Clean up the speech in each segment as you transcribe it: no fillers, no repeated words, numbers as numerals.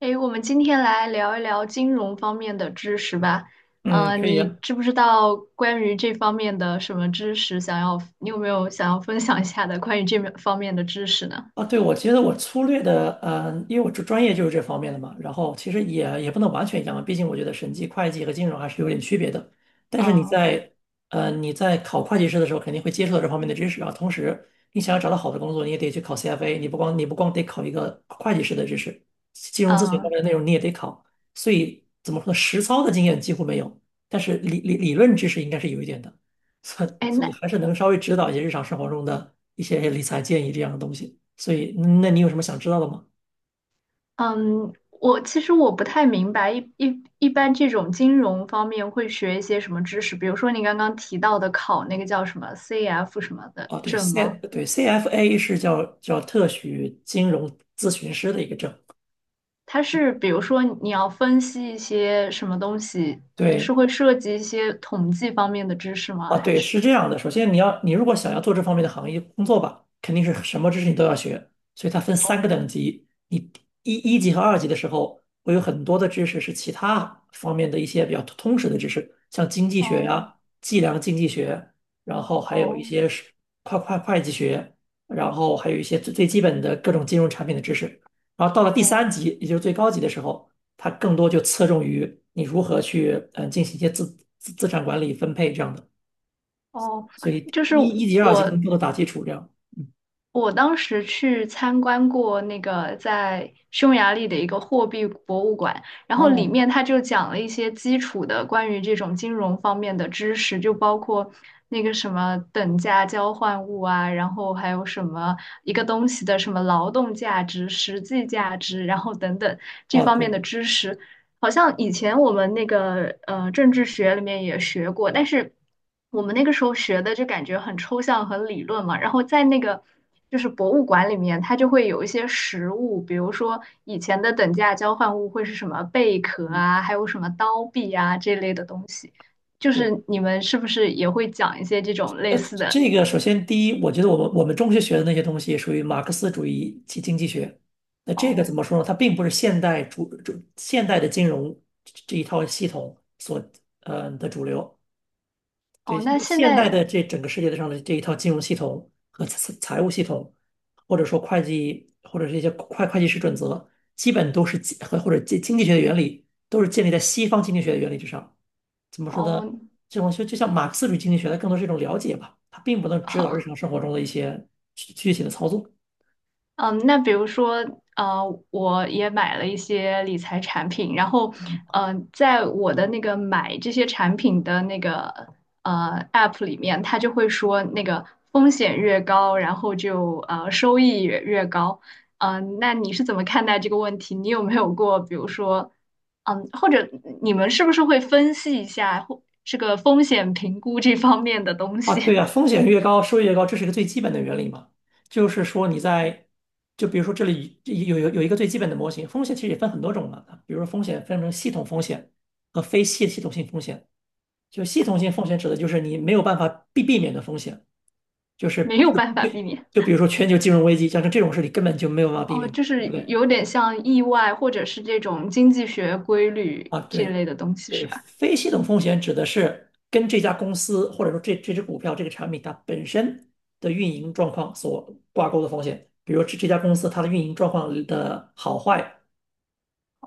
诶，我们今天来聊一聊金融方面的知识吧。嗯，嗯，可以你啊。知不知道关于这方面的什么知识？你有没有想要分享一下的关于这面方面的知识呢？啊对，我觉得我粗略的，因为我专业就是这方面的嘛，然后其实也不能完全一样嘛，毕竟我觉得审计、会计和金融还是有点区别的。但是嗯你在考会计师的时候，肯定会接触到这方面的知识啊。同时，你想要找到好的工作，你也得去考 CFA，你不光得考一个会计师的知识，金融咨询方嗯，面的内容你也得考。所以怎么说呢，实操的经验几乎没有，但是理论知识应该是有一点的。所哎，所以那还是能稍微指导一些日常生活中的一些理财建议这样的东西。所以，那你有什么想知道的吗？嗯，我其实我不太明白，一般这种金融方面会学一些什么知识？比如说你刚刚提到的考那个叫什么 CF 什么的哦，对证吗？对 CFA 是叫特许金融咨询师的一个证，它是比如说你要分析一些什么东西，是对，会涉及一些统计方面的知识吗？啊，还对，是？是这样的。首先，你如果想要做这方面的行业工作吧，肯定是什么知识你都要学。所以它分三个等哦级，你一级和二级的时候，会有很多的知识是其他方面的一些比较通识的知识，像经济学呀、哦计量经济学，然后还有一些是哦会计学，然后还有一些最基本的各种金融产品的知识。然后到了第三哦级，也就是最高级的时候，它更多就侧重于你如何去进行一些资产管理分配这样的。哦，所以就是一级、二级更我多的打基础这样。嗯，我当时去参观过那个在匈牙利的一个货币博物馆，然后里哦面他就讲了一些基础的关于这种金融方面的知识，就包括那个什么等价交换物啊，然后还有什么一个东西的什么劳动价值、实际价值，然后等等这哦，方面对，的知识，好像以前我们那个政治学里面也学过，但是。我们那个时候学的就感觉很抽象、很理论嘛。然后在那个就是博物馆里面，它就会有一些实物，比如说以前的等价交换物会是什么贝壳嗯啊，还有什么刀币啊这类的东西。就对，是你们是不是也会讲一些这种呃，类似的？这个首先第一，我觉得我们中学学的那些东西属于马克思主义及经济学，那这个怎哦么说呢？它并不是现代的金融这一套系统所的主流，对，哦，因那为现现代在的这整个世界上的这一套金融系统和财务系统，或者说会计，或者是一些会计师准则，基本都是或者经济学的原理，都是建立在西方经济学的原理之上。怎么说呢？哦。这种就像马克思主义经济学，它更多是一种了解吧，它并不能指导日常 生活中的一些具体的操作。嗯，那比如说，我也买了一些理财产品，然后，在我的那个买这些产品的那个App 里面，它就会说那个风险越高，然后就收益也越高。那你是怎么看待这个问题？你有没有过，比如说，或者你们是不是会分析一下或这个风险评估这方面的东啊，西？对呀，风险越高，收益越高，这是一个最基本的原理嘛。就是说就比如说这里有一个最基本的模型，风险其实也分很多种嘛。比如说风险分成系统风险和非系统性风险。就系统性哦，风险指的就是你没有办法避免的风险，就没是有办法就就避免。就比如说全球金融危机，像这种事你根本就没有办法避哦，免，就对是不对？有点像意外，或者是这种经济学规律啊，这对，类的东西，对，是吧？非系统风险指的是跟这家公司或者说这只股票这个产品它本身的运营状况所挂钩的风险，比如这家公司它的运营状况的好坏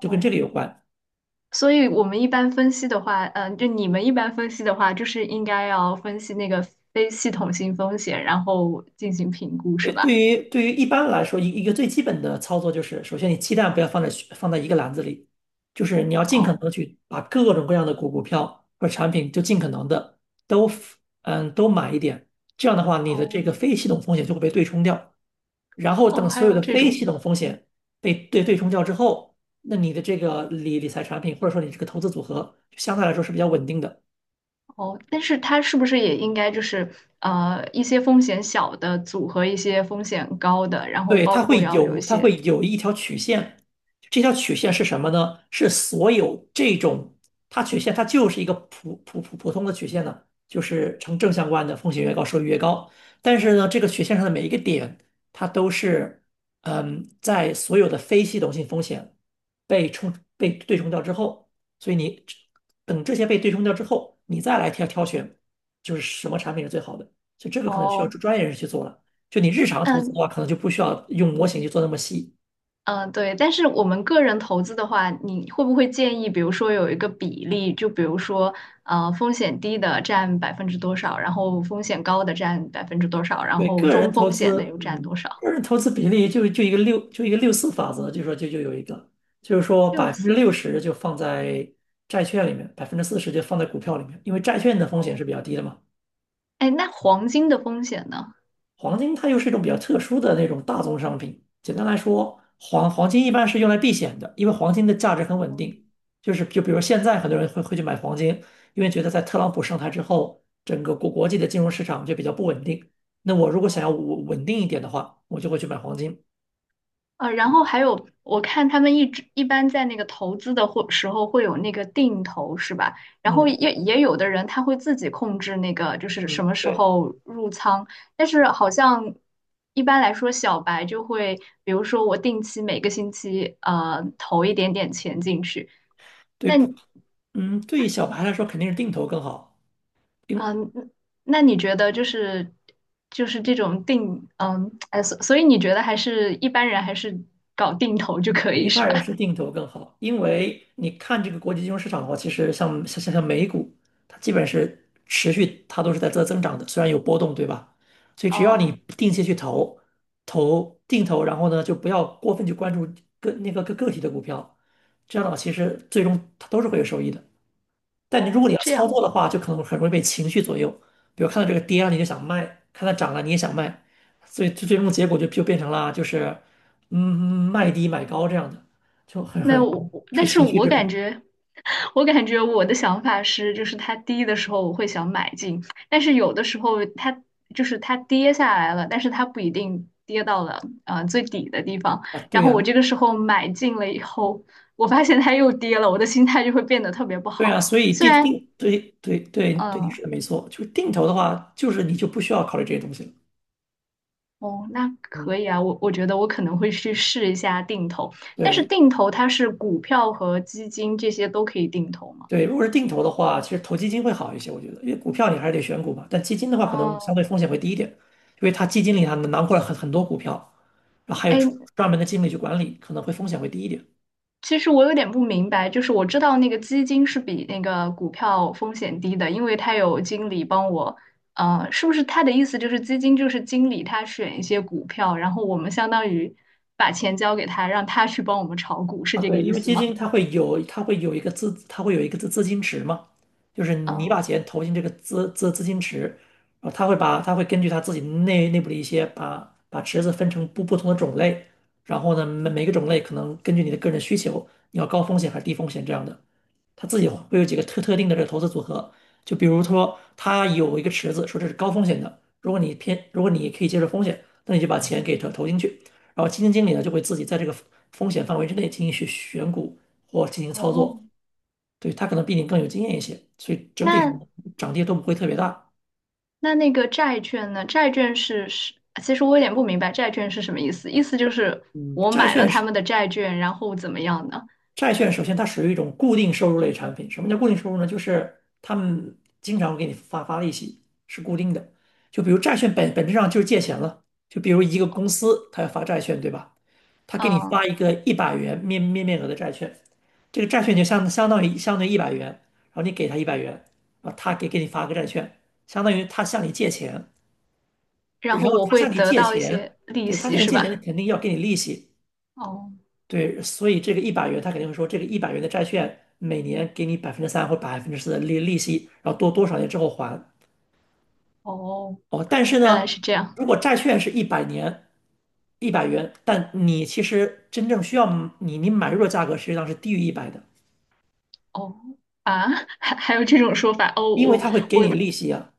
就跟这个有关。所以我们一般分析的话，就你们一般分析的话，就是应该要分析那个非系统性风险，然后进行评估，对，是对吧？于对于一般来说，一个最基本的操作就是，首先你鸡蛋不要放在一个篮子里，就是你要尽可能哦，的去把各种各样的股票或者产品就尽可能的都都买一点，这样的话你的这个哦，非系统风险就会被对冲掉。然后哦，等还所有有的这非种，系统风险被对冲掉之后，那你的这个理财产品或者说你这个投资组合，相对来说是比较稳定的。哦，但是它是不是也应该就是一些风险小的组合一些风险高的，然后对，包括要有一它些，会有一条曲线，这条曲线是什么呢？是所有这种，它曲线它就是一个普通的曲线呢，就是呈正相关的，风险越高收益越高。但是呢，这个曲线上的每一个点，它都是，在所有的非系统性风险被冲被对冲掉之后，所以你等这些被对冲掉之后，你再来挑选，就是什么产品是最好的，所以这个可能需要哦，专业人士去做了。就你日常投资的嗯、话，可能就不需要用模型去做那么细。嗯，对，但是我们个人投资的话，你会不会建议，比如说有一个比例，就比如说，风险低的占百分之多少，然后风险高的占百分之多少，然对，后个中人投风险的资，又占多少？个人投资比例就一个六，就一个六四法则，就说就就有一个，就是说百六分之四六十就放在债券里面，40%就放在股票里面，因为债券的风险哦，是比较低的嘛。哎，那黄金的风险呢？黄金它又是一种比较特殊的那种大宗商品。简单来说，黄金一般是用来避险的，因为黄金的价值很稳定。就是就比如现在很多人会去买黄金，因为觉得在特朗普上台之后，整个国际的金融市场就比较不稳定。那我如果想要哦，稳定一点的话，我就会去买黄金。然后还有，我看他们一直一般在那个投资的或时候会有那个定投，是吧？然后嗯也有的人他会自己控制那个，就是什嗯，么时对候入仓。但是好像一般来说，小白就会，比如说我定期每个星期投一点点钱进去。对那不，对于小白来说肯定是定投更好。定嗯、呃那你觉得就是这种哎，所以你觉得还是一般人还是搞定投就可以一是般人吧？是定投更好，因为你看这个国际金融市场的话，其实像美股，它基本是持续，它都是在增长的，虽然有波动，对吧？所 以只要你哦定期去投，定投，然后呢，就不要过分去关注个那个个个体的股票，这样的话，其实最终它都是会有收益的。但你如果你哦，要这操作样。的话，就可能很容易被情绪左右。比如看到这个跌了，你就想卖；看到涨了，你也想卖。所以最终的结果就变成了就是，嗯，卖低买高这样的，就很没很容有，易受但是情绪我支感配觉，我感觉我的想法是，就是它低的时候我会想买进，但是有的时候它就是它跌下来了，但是它不一定跌到了最底的地方，啊。对然后我呀，这个时候买进了以后，我发现它又跌了，我的心态就会变得特别不对呀，好。所以虽然，对对对对，你说嗯、的没错，就是定投的话，就是你就不需要考虑这些东西了。哦，那可嗯，以啊，我觉得我可能会去试一下定投，但是对。定投它是股票和基金这些都可以定投吗？对，如果是定投的话，其实投基金会好一些，我觉得，因为股票你还是得选股嘛，但基金的话可能相哦，对风险会低一点，因为它基金里它能囊括了很多股票，然后还有专哎，专门的经理去管理，可能会风险会低一点其实我有点不明白，就是我知道那个基金是比那个股票风险低的，因为它有经理帮我，是不是他的意思就是基金就是经理他选一些股票，然后我们相当于把钱交给他，让他去帮我们炒股，是啊。这个对，意因为思基吗？金它会有一个资金池嘛，就是你把嗯，钱投进这个资金池，然后它会根据它自己内部的一些把池子分成不同的种类，然后呢每个种类可能根据你的个人需求，你要高风险还是低风险这样的。他自己会有几个特定的这个投资组合，就比如说他有一个池子，说这是高风险的，如果你可以接受风险，那你就把钱给投进去，然后基金经理呢就会自己在这个风险范围之内进行选股或进行操哦，作，对，他可能比你更有经验一些，所以整体上那涨跌都不会特别大。那个债券呢？债券是是，其实我有点不明白债券是什么意思，意思就是嗯，我买了他们的债券，然后怎么样呢？债券首先它属于一种固定收入类产品。什么叫固定收入呢？就是他们经常会给你发利息，是固定的。就比如债券本质上就是借钱了。就比如一个公司，它要发债券，对吧？它给你发嗯，一个一百元面额的债券，这个债券就相当于一百元，然后你给他一百元，啊，他给你发个债券，相当于他向你借钱，然然后后我他会向你得借到一钱，些利对，他息，向你是借钱，他吧？肯定要给你利息。哦对，所以这个一百元，他肯定会说，这个一百元的债券每年给你3%或百分之四的利息，然后多少年之后还。哦，哦，但是原来呢，是这样。如果债券是100年，一百元，但你其实真正需要你买入的价格实际上是低于一百的，哦啊，还有这种说法哦，因为我它会给我你利息啊，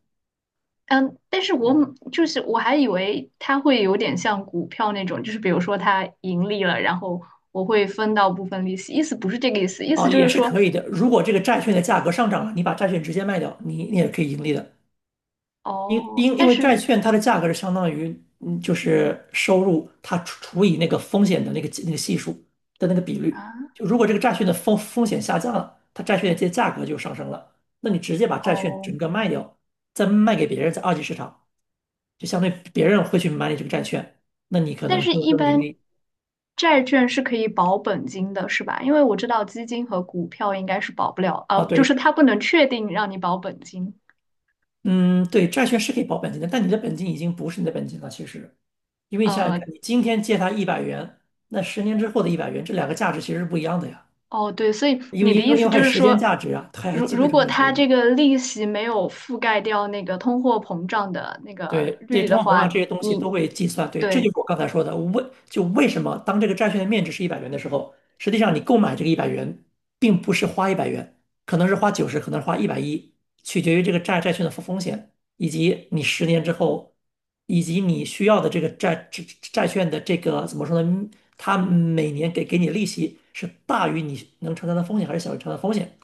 嗯，但是我就是我还以为它会有点像股票那种，就是比如说它盈利了，然后我会分到部分利息，意思不是这个意思，意哦，思就也是是说可以的。如果这个债券的价格上涨了，你把债券直接卖掉，你也可以盈利的。因哦，因因为债券它的价格是相当于，就是收入它除以那个风险的那个系数的那个比率。啊就如果这个债券的风险下降了，它债券的这价格就上升了。那你直接把债券哦，整个卖掉，再卖给别人，在二级市场，就相对别人会去买你这个债券，那你可但能是就一能盈般利债券是可以保本金的，是吧？因为我知道基金和股票应该是保不了，啊。就对，是它不能确定让你保本金。嗯，对，债券是可以保本金的，但你的本金已经不是你的本金了，其实，因为你想想呃，看，你今天借他一百元，那十年之后的一百元，这两个价值其实是不一样的呀。哦，对，所以因为你的因意为因为思还就有是时间说，价值啊，还有如机会如成果本在里它面。这个利息没有覆盖掉那个通货膨胀的那个对这些率通的货膨胀话，这些东西都你会计算。对，这就对，是我刚才说的，为什么当这个债券的面值是一百元的时候，实际上你购买这个一百元，并不是花一百元，可能是花90，可能是花110，取决于这个债券的风险，以及你十年之后，以及你需要的这个债券的这个怎么说呢？它每年给你利息是大于你能承担的风险，还是小于承担的风险？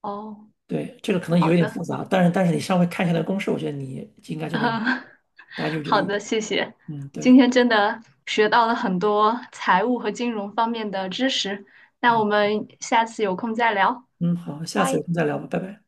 哦，对，这个可能好有一点复的，杂，但是你稍微看一下那个公式，我觉得你应该 就能明白，嗯大家就这个好意思。的，谢谢，嗯，对，今天真的学到了很多财务和金融方面的知识，那啊，我们下次有空再聊，嗯，好，下次有拜。空再聊吧，拜拜。